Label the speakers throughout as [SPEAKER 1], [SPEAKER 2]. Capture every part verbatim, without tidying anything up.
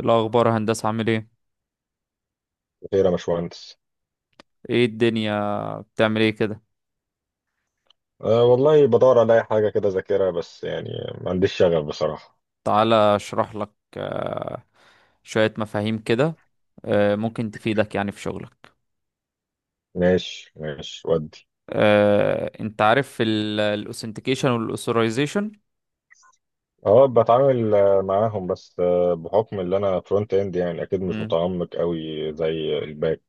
[SPEAKER 1] إيه الأخبار هندسة عامل ايه؟
[SPEAKER 2] خير يا باشمهندس.
[SPEAKER 1] ايه الدنيا بتعمل ايه كده؟
[SPEAKER 2] أه والله بدور على أي حاجة كده أذاكرها بس يعني ما عنديش شغف بصراحة.
[SPEAKER 1] تعالى اشرح لك آه، شوية مفاهيم كده، آه، ممكن تفيدك يعني في شغلك.
[SPEAKER 2] ماشي ماشي ودي.
[SPEAKER 1] آه، انت عارف الاوثنتيكيشن والاوثورايزيشن.
[SPEAKER 2] أه بتعامل آه، معاهم بس آه، بحكم اللي أنا فرونت إند يعني أكيد مش متعمق قوي زي الباك.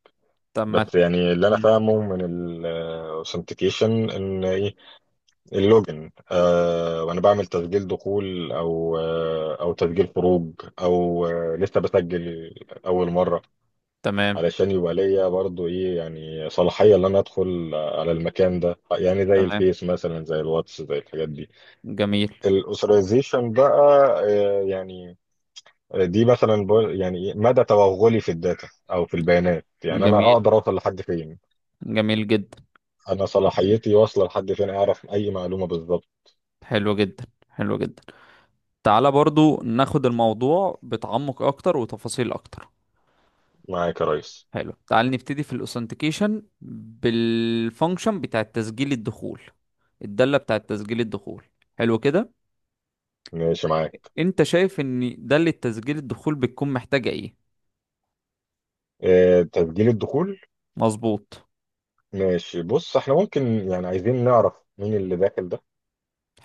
[SPEAKER 1] تمام.
[SPEAKER 2] بس يعني اللي أنا فاهمه من الأوثنتيكيشن إن إيه، اللوجن أه، وأنا بعمل تسجيل دخول أو آه، أو تسجيل خروج أو آه، لسه بسجل أول مرة،
[SPEAKER 1] تمام.
[SPEAKER 2] علشان يبقى ليا برضو ايه يعني صلاحية ان انا ادخل على المكان ده، يعني زي
[SPEAKER 1] تمام.
[SPEAKER 2] الفيس مثلا زي الواتس زي الحاجات دي.
[SPEAKER 1] جميل.
[SPEAKER 2] الاوثرايزيشن بقى، آه، يعني دي مثلا بقول- يعني إيه، مدى توغلي في الداتا او في البيانات، يعني انا
[SPEAKER 1] جميل.
[SPEAKER 2] اقدر اوصل لحد فين،
[SPEAKER 1] جميل جدا.
[SPEAKER 2] انا صلاحيتي واصلة لحد فين، اعرف اي معلومة بالظبط.
[SPEAKER 1] حلو جدا، حلو جدا. تعالى برضو ناخد الموضوع بتعمق اكتر وتفاصيل اكتر.
[SPEAKER 2] معاك يا ريس.
[SPEAKER 1] حلو، تعال نبتدي في الاوثنتيكيشن بالفانكشن بتاع تسجيل الدخول، الدالة بتاع تسجيل الدخول. حلو كده.
[SPEAKER 2] ماشي معاك.
[SPEAKER 1] انت شايف ان دالة تسجيل الدخول بتكون محتاجة ايه؟
[SPEAKER 2] آه، تسجيل الدخول.
[SPEAKER 1] مظبوط.
[SPEAKER 2] ماشي، بص احنا ممكن يعني عايزين نعرف مين اللي داخل ده،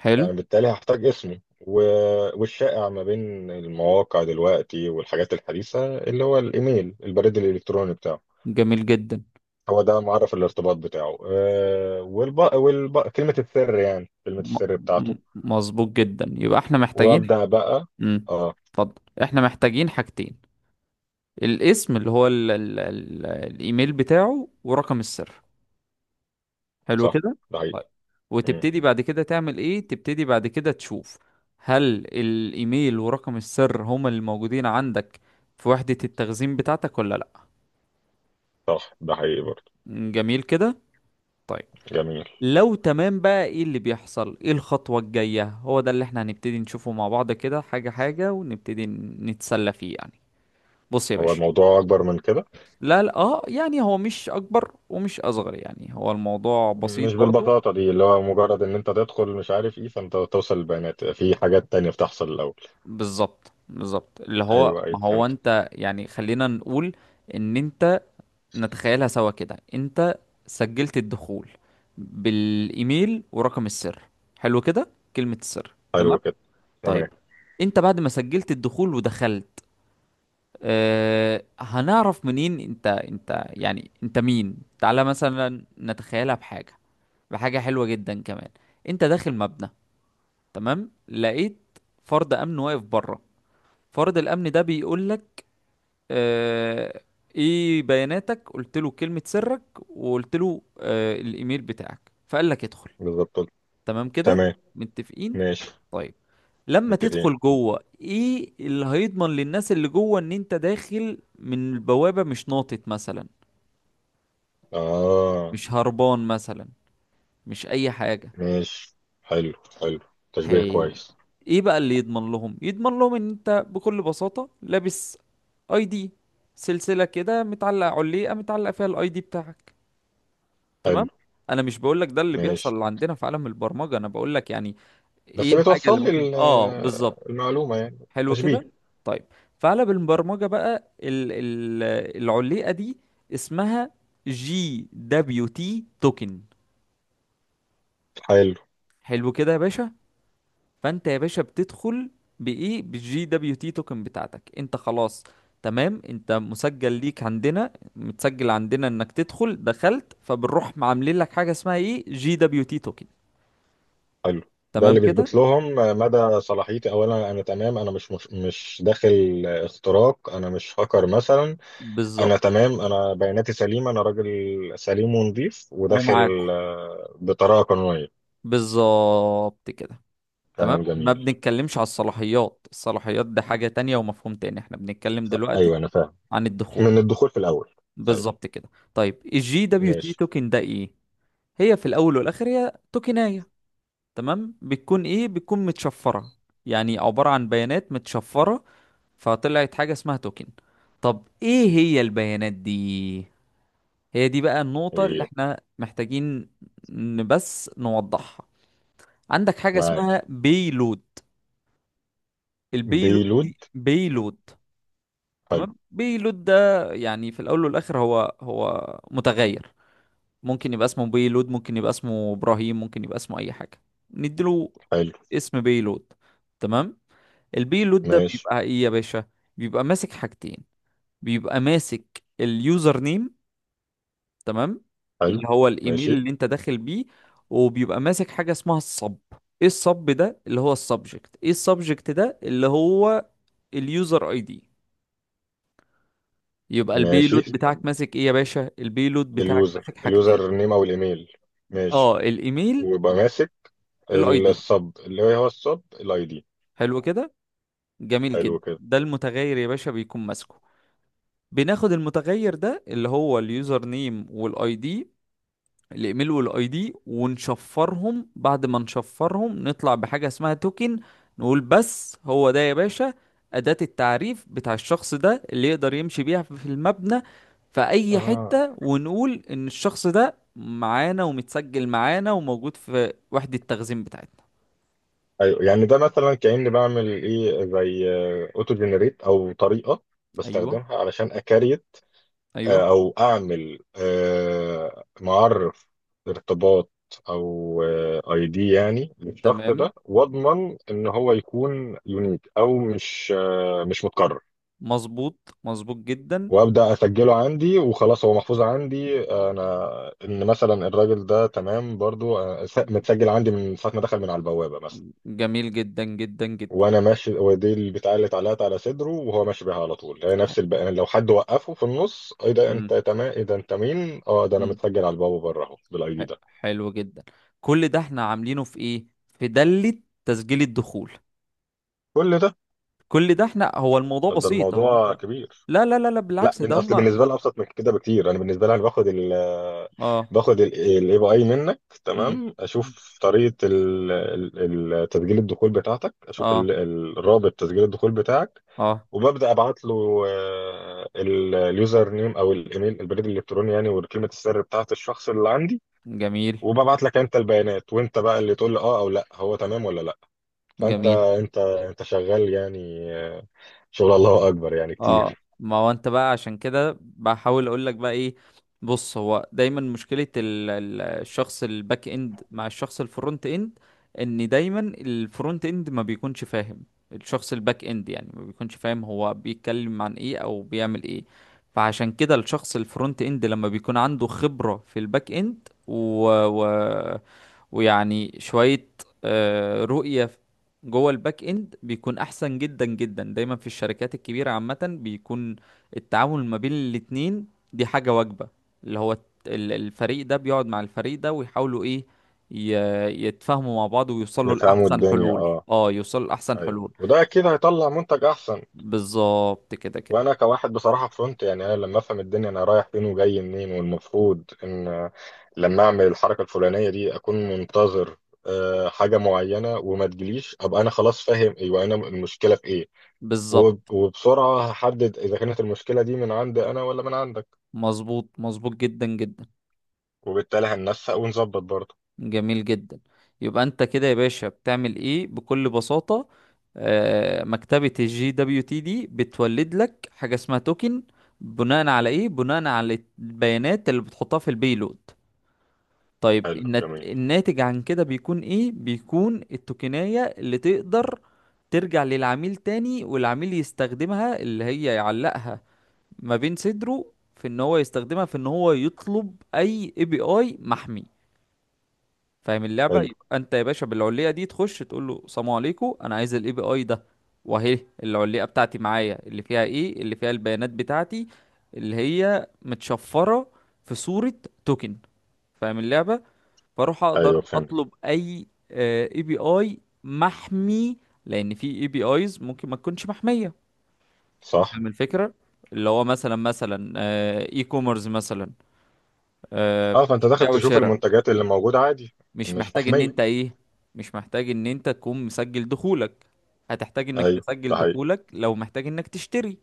[SPEAKER 1] حلو.
[SPEAKER 2] فأنا بالتالي هحتاج اسمي و... والشائع ما بين المواقع دلوقتي والحاجات الحديثة اللي هو الإيميل، البريد الإلكتروني بتاعه،
[SPEAKER 1] جميل جدا.
[SPEAKER 2] هو ده معرف الارتباط بتاعه. أه والب... والب... كلمة السر، يعني كلمة
[SPEAKER 1] م-
[SPEAKER 2] السر بتاعته.
[SPEAKER 1] م- مظبوط جدا. يبقى احنا محتاجين،
[SPEAKER 2] وأبدأ بقى.
[SPEAKER 1] امم
[SPEAKER 2] اه.
[SPEAKER 1] اتفضل، احنا محتاجين حاجتين: الاسم اللي هو ال ال ال الايميل بتاعه ورقم السر. حلو
[SPEAKER 2] صح،
[SPEAKER 1] كده.
[SPEAKER 2] ده
[SPEAKER 1] طيب،
[SPEAKER 2] حقيقي. مم.
[SPEAKER 1] وتبتدي بعد كده تعمل ايه؟ تبتدي بعد كده تشوف هل الايميل ورقم السر هما اللي موجودين عندك في وحدة التخزين بتاعتك ولا لا.
[SPEAKER 2] صح ده حقيقي برضه.
[SPEAKER 1] جميل كده. طيب،
[SPEAKER 2] جميل.
[SPEAKER 1] لو تمام بقى ايه اللي بيحصل؟ ايه الخطوة الجاية؟ هو ده اللي احنا هنبتدي نشوفه مع بعض كده حاجة حاجة ونبتدي نتسلى فيه يعني. بص يا
[SPEAKER 2] هو
[SPEAKER 1] باشا،
[SPEAKER 2] الموضوع أكبر من كده.
[SPEAKER 1] لا لا، اه يعني هو مش اكبر ومش اصغر، يعني هو الموضوع بسيط
[SPEAKER 2] مش
[SPEAKER 1] برضو.
[SPEAKER 2] بالبساطة دي اللي هو مجرد إن أنت تدخل مش عارف إيه، فأنت توصل البيانات في حاجات تانية بتحصل الأول.
[SPEAKER 1] بالظبط، بالظبط. اللي هو
[SPEAKER 2] أيوه
[SPEAKER 1] ما
[SPEAKER 2] أيوه
[SPEAKER 1] هو
[SPEAKER 2] فهمت.
[SPEAKER 1] انت، يعني خلينا نقول ان انت، نتخيلها سوا كده، انت سجلت الدخول بالايميل ورقم السر. حلو كده، كلمة السر. تمام.
[SPEAKER 2] حلو كده.
[SPEAKER 1] طيب،
[SPEAKER 2] تمام.
[SPEAKER 1] انت بعد ما سجلت الدخول ودخلت، اه هنعرف منين انت؟ انت يعني انت مين؟ تعالى مثلا نتخيلها بحاجة، بحاجة حلوة جدا كمان. انت داخل مبنى، تمام، لقيت فرد امن واقف بره. فرد الامن ده بيقول آه، ايه بياناتك؟ قلت له كلمة سرك، وقلت له آه، الايميل بتاعك، فقال لك ادخل.
[SPEAKER 2] بالظبط.
[SPEAKER 1] تمام كده،
[SPEAKER 2] تمام.
[SPEAKER 1] متفقين؟
[SPEAKER 2] ماشي.
[SPEAKER 1] طيب، لما
[SPEAKER 2] متفقين.
[SPEAKER 1] تدخل جوه ايه اللي هيضمن للناس اللي جوه ان انت داخل من البوابة، مش ناطط مثلا،
[SPEAKER 2] اه.
[SPEAKER 1] مش هربان مثلا، مش اي حاجة؟
[SPEAKER 2] ماشي. حلو حلو. تشبيه
[SPEAKER 1] حي...
[SPEAKER 2] كويس.
[SPEAKER 1] ايه بقى اللي يضمن لهم؟ يضمن لهم ان انت بكل بساطة لابس اي دي، سلسلة كده متعلقة علية متعلقة فيها الاي دي بتاعك.
[SPEAKER 2] حلو.
[SPEAKER 1] تمام، انا مش بقول لك ده اللي
[SPEAKER 2] ماشي.
[SPEAKER 1] بيحصل عندنا في عالم البرمجه، انا بقول لك يعني ايه
[SPEAKER 2] بس
[SPEAKER 1] الحاجه اللي
[SPEAKER 2] بتوصل لي
[SPEAKER 1] ممكن.
[SPEAKER 2] ال-
[SPEAKER 1] اه بالظبط.
[SPEAKER 2] المعلومة يعني.
[SPEAKER 1] حلو
[SPEAKER 2] تشبيه.
[SPEAKER 1] كده. طيب، في عالم البرمجه بقى ال... ال... العليقه دي اسمها جي دبليو تي توكن.
[SPEAKER 2] حلو.
[SPEAKER 1] حلو كده يا باشا. فانت يا باشا بتدخل بايه؟ بالجي دبليو تي توكن بتاعتك. انت خلاص تمام، انت مسجل ليك عندنا، متسجل عندنا انك تدخل، دخلت، فبنروح عاملين لك حاجه اسمها ايه؟ جي دبليو تي توكن.
[SPEAKER 2] حلو. ده
[SPEAKER 1] تمام
[SPEAKER 2] اللي
[SPEAKER 1] كده.
[SPEAKER 2] بيثبت لهم مدى صلاحيتي، اولا انا تمام، انا مش مش, مش داخل اختراق، انا مش هاكر مثلا. انا
[SPEAKER 1] بالظبط
[SPEAKER 2] تمام، انا بياناتي سليمة، انا راجل سليم ونظيف وداخل
[SPEAKER 1] ومعاكم.
[SPEAKER 2] آه، بطريقة قانونية.
[SPEAKER 1] بالظبط كده. تمام،
[SPEAKER 2] كلام
[SPEAKER 1] ما
[SPEAKER 2] جميل.
[SPEAKER 1] بنتكلمش على الصلاحيات، الصلاحيات ده حاجة تانية ومفهوم تاني، احنا بنتكلم
[SPEAKER 2] ايوه
[SPEAKER 1] دلوقتي
[SPEAKER 2] انا فاهم.
[SPEAKER 1] عن الدخول.
[SPEAKER 2] من الدخول في الاول. ايوه.
[SPEAKER 1] بالظبط كده. طيب الجي دبليو تي
[SPEAKER 2] ماشي.
[SPEAKER 1] توكن ده ايه؟ هي في الاول والاخر هي توكناية، تمام، بتكون ايه؟ بتكون متشفرة، يعني عبارة عن بيانات متشفرة، فطلعت حاجة اسمها توكن. طب ايه هي البيانات دي؟ هي دي بقى النقطة اللي
[SPEAKER 2] ايه.
[SPEAKER 1] احنا محتاجين ن- بس نوضحها. عندك حاجة
[SPEAKER 2] معاك.
[SPEAKER 1] اسمها بيلود. البيلود
[SPEAKER 2] بيلود.
[SPEAKER 1] دي بيلود.
[SPEAKER 2] حلو.
[SPEAKER 1] تمام، بيلود ده يعني في الأول والآخر هو هو متغير، ممكن يبقى اسمه بيلود، ممكن يبقى اسمه إبراهيم، ممكن يبقى اسمه أي حاجة نديله،
[SPEAKER 2] حلو.
[SPEAKER 1] اسم بيلود. تمام. البيلود ده
[SPEAKER 2] ماشي.
[SPEAKER 1] بيبقى إيه يا باشا؟ بيبقى ماسك حاجتين: بيبقى ماسك اليوزر نيم، تمام،
[SPEAKER 2] حلو.
[SPEAKER 1] اللي هو
[SPEAKER 2] ماشي.
[SPEAKER 1] الايميل اللي انت داخل بيه، وبيبقى ماسك حاجه اسمها الصب. ايه الصب ده؟ اللي هو السبجكت. ايه السبجكت ده؟ اللي هو اليوزر اي دي. يبقى البيلود
[SPEAKER 2] ماشي طب.
[SPEAKER 1] بتاعك ماسك ايه يا باشا؟ البيلود بتاعك
[SPEAKER 2] اليوزر
[SPEAKER 1] ماسك حاجتين:
[SPEAKER 2] اليوزر نيم او الايميل. ماشي.
[SPEAKER 1] اه الايميل،
[SPEAKER 2] ويبقى ماسك
[SPEAKER 1] الاي
[SPEAKER 2] ال-
[SPEAKER 1] دي.
[SPEAKER 2] السب، اللي هو السب الاي دي.
[SPEAKER 1] حلو كده. جميل
[SPEAKER 2] حلو
[SPEAKER 1] جدا.
[SPEAKER 2] كده.
[SPEAKER 1] ده المتغير يا باشا بيكون ماسكه. بناخد المتغير ده اللي هو اليوزر نيم والاي دي، الايميل والاي دي، ونشفرهم، بعد ما نشفرهم نطلع بحاجة اسمها توكن. نقول بس هو ده يا باشا أداة التعريف بتاع الشخص ده، اللي يقدر يمشي بيها في المبنى في أي
[SPEAKER 2] اه.
[SPEAKER 1] حتة، ونقول إن الشخص ده معانا ومتسجل معانا وموجود في وحدة التخزين بتاعتنا.
[SPEAKER 2] ايوه يعني ده مثلا كأني بعمل ايه، زي اوتو جنريت، او طريقة
[SPEAKER 1] أيوه،
[SPEAKER 2] بستخدمها علشان اكريت،
[SPEAKER 1] أيوه.
[SPEAKER 2] آه، او اعمل آه، معرف ارتباط، او اي دي يعني للشخص
[SPEAKER 1] تمام،
[SPEAKER 2] ده، واضمن ان هو يكون يونيك او مش آه، مش متكرر.
[SPEAKER 1] مظبوط، مظبوط جدا.
[SPEAKER 2] وابدا اسجله عندي، وخلاص هو محفوظ عندي انا، ان مثلا الراجل ده تمام برضو، آه، متسجل عندي من ساعه ما دخل من على البوابه مثلا.
[SPEAKER 1] جميل جدا جدا
[SPEAKER 2] وانا ماشي هو دي البتاع اللي اتعلقت على صدره، وهو ماشي بيها على طول، هي نفس البقى. لو حد وقفه في النص: ايه ده
[SPEAKER 1] جدا.
[SPEAKER 2] انت، تمام ايه ده انت مين؟ اه، ده انا متسجل على البابا بره اهو، بالاي دي
[SPEAKER 1] حلو،
[SPEAKER 2] ده.
[SPEAKER 1] حلو جدا. كل ده احنا عاملينه في ايه؟ في دلة تسجيل الدخول.
[SPEAKER 2] كل ده.
[SPEAKER 1] كل ده احنا، هو الموضوع
[SPEAKER 2] ده ده
[SPEAKER 1] بسيط، هو انت،
[SPEAKER 2] الموضوع كبير.
[SPEAKER 1] لا لا لا لا
[SPEAKER 2] لا
[SPEAKER 1] بالعكس،
[SPEAKER 2] بن-
[SPEAKER 1] ده
[SPEAKER 2] اصل
[SPEAKER 1] هما.
[SPEAKER 2] بالنسبه لي ابسط من كده بكتير. انا بالنسبه لي، انا باخد ال
[SPEAKER 1] اه.
[SPEAKER 2] باخد الاي بي اي منك،
[SPEAKER 1] مم.
[SPEAKER 2] تمام، اشوف طريقه ال- ال- ال- تسجيل الدخول بتاعتك، اشوف
[SPEAKER 1] اه.
[SPEAKER 2] ال- ال- الرابط تسجيل الدخول بتاعك،
[SPEAKER 1] اه.
[SPEAKER 2] وببدا ابعت له آه، ال- اليوزر نيم او الايميل، البريد الالكتروني يعني، وكلمه السر بتاعت الشخص اللي عندي،
[SPEAKER 1] جميل.
[SPEAKER 2] وببعت لك انت البيانات، وانت بقى اللي تقول لي اه او لا، هو تمام ولا لا. فانت
[SPEAKER 1] جميل.
[SPEAKER 2] انت انت شغال يعني آه، شغل الله اكبر يعني
[SPEAKER 1] اه
[SPEAKER 2] كتير.
[SPEAKER 1] ما هو انت بقى عشان كده بحاول اقول لك بقى ايه. بص، هو دايما مشكلة ال- ال- الشخص الباك اند مع الشخص الفرونت اند، ان دايما الفرونت اند ما بيكونش فاهم الشخص الباك اند، يعني ما بيكونش فاهم هو بيتكلم عن ايه او بيعمل ايه. فعشان كده الشخص الفرونت اند لما بيكون عنده خبرة في الباك اند و... و... ويعني شوية آه، رؤية جوه الباك اند، بيكون احسن جدا جدا. دايما في الشركات الكبيره عامه بيكون التعامل ما بين الاتنين دي حاجه واجبه، اللي هو الت- ال- الفريق ده بيقعد مع الفريق ده ويحاولوا ايه؟ ي- يتفاهموا مع بعض ويوصلوا
[SPEAKER 2] يفهموا
[SPEAKER 1] لاحسن
[SPEAKER 2] الدنيا
[SPEAKER 1] حلول،
[SPEAKER 2] اه.
[SPEAKER 1] اه يوصلوا لاحسن
[SPEAKER 2] ايوه
[SPEAKER 1] حلول.
[SPEAKER 2] وده اكيد هيطلع منتج احسن.
[SPEAKER 1] بالظبط كده، كده
[SPEAKER 2] وانا كواحد بصراحه فرونت، يعني انا لما افهم الدنيا انا رايح فين وجاي منين، والمفروض ان لما اعمل الحركه الفلانيه دي اكون منتظر آه، حاجه معينه، وما تجيليش ابقى انا خلاص فاهم ايوه انا المشكله في ايه. وب-
[SPEAKER 1] بالظبط.
[SPEAKER 2] وبسرعه هحدد اذا كانت المشكله دي من عندي انا ولا من عندك،
[SPEAKER 1] مظبوط، مظبوط جدا جدا.
[SPEAKER 2] وبالتالي هننسق ونظبط برضه.
[SPEAKER 1] جميل جدا. يبقى انت كده يا باشا بتعمل ايه بكل بساطة؟ آه، مكتبة الجي دبليو تي دي بتولد لك حاجة اسمها توكن، بناء على ايه؟ بناء على البيانات اللي بتحطها في البيلود. طيب
[SPEAKER 2] حلو.
[SPEAKER 1] النت-
[SPEAKER 2] جميل.
[SPEAKER 1] الناتج عن كده بيكون ايه؟ بيكون التوكناية اللي تقدر ترجع للعميل تاني، والعميل يستخدمها، اللي هي يعلقها ما بين صدره، في ان هو يستخدمها في ان هو يطلب اي اي بي اي محمي. فاهم اللعبه؟
[SPEAKER 2] حلو.
[SPEAKER 1] يبقى انت يا باشا بالعليه دي تخش تقول له سلام عليكم انا عايز الاي بي اي ده، واهي العليه بتاعتي معايا، اللي فيها ايه؟ اللي فيها البيانات بتاعتي اللي هي متشفره في صوره توكن. فاهم اللعبه؟ فاروح اقدر
[SPEAKER 2] ايوه فهمت.
[SPEAKER 1] اطلب اي اي بي اي محمي، لان في اي بي ايز ممكن ما تكونش محميه. أنت
[SPEAKER 2] صح.
[SPEAKER 1] فاهم الفكره؟ اللي هو مثلا، مثلا اي كوميرس مثلا، آه،
[SPEAKER 2] اه فانت داخل
[SPEAKER 1] بيع
[SPEAKER 2] تشوف
[SPEAKER 1] وشراء،
[SPEAKER 2] المنتجات اللي موجوده عادي.
[SPEAKER 1] مش
[SPEAKER 2] مش
[SPEAKER 1] محتاج ان
[SPEAKER 2] محميه.
[SPEAKER 1] انت ايه، مش محتاج ان انت تكون مسجل دخولك، هتحتاج انك
[SPEAKER 2] ايوه
[SPEAKER 1] تسجل
[SPEAKER 2] ده
[SPEAKER 1] دخولك لو محتاج انك تشتري،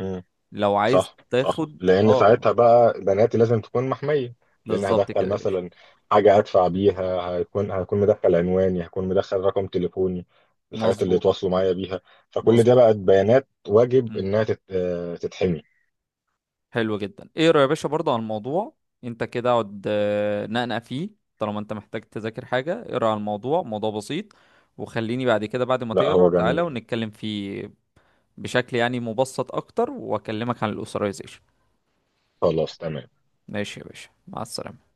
[SPEAKER 2] حقيقي.
[SPEAKER 1] لو عايز
[SPEAKER 2] صح صح،
[SPEAKER 1] تاخد.
[SPEAKER 2] لان
[SPEAKER 1] اه
[SPEAKER 2] ساعتها بقى بناتي لازم تكون محميه. لان
[SPEAKER 1] بالظبط
[SPEAKER 2] هدخل
[SPEAKER 1] كده يا باشا.
[SPEAKER 2] مثلا حاجه ادفع بيها، هيكون هيكون مدخل عنواني، هيكون مدخل رقم تليفوني، الحاجات اللي
[SPEAKER 1] مظبوط،
[SPEAKER 2] يتواصلوا معايا بيها، فكل ده
[SPEAKER 1] مظبوط.
[SPEAKER 2] بقت بيانات واجب
[SPEAKER 1] مم.
[SPEAKER 2] انها تت- آه، تتحمي.
[SPEAKER 1] حلو جدا. ايه رأيك يا باشا برضه على الموضوع؟ انت كده اقعد آه، نقنق فيه، طالما انت محتاج تذاكر حاجة اقرا على الموضوع، موضوع بسيط، وخليني بعد كده، بعد ما
[SPEAKER 2] لا
[SPEAKER 1] تقرا،
[SPEAKER 2] هو
[SPEAKER 1] تعالى
[SPEAKER 2] جميل.
[SPEAKER 1] ونتكلم فيه بشكل يعني مبسط اكتر، واكلمك عن الاسرائيزيشن.
[SPEAKER 2] خلاص تمام.
[SPEAKER 1] ماشي يا باشا، مع السلامة.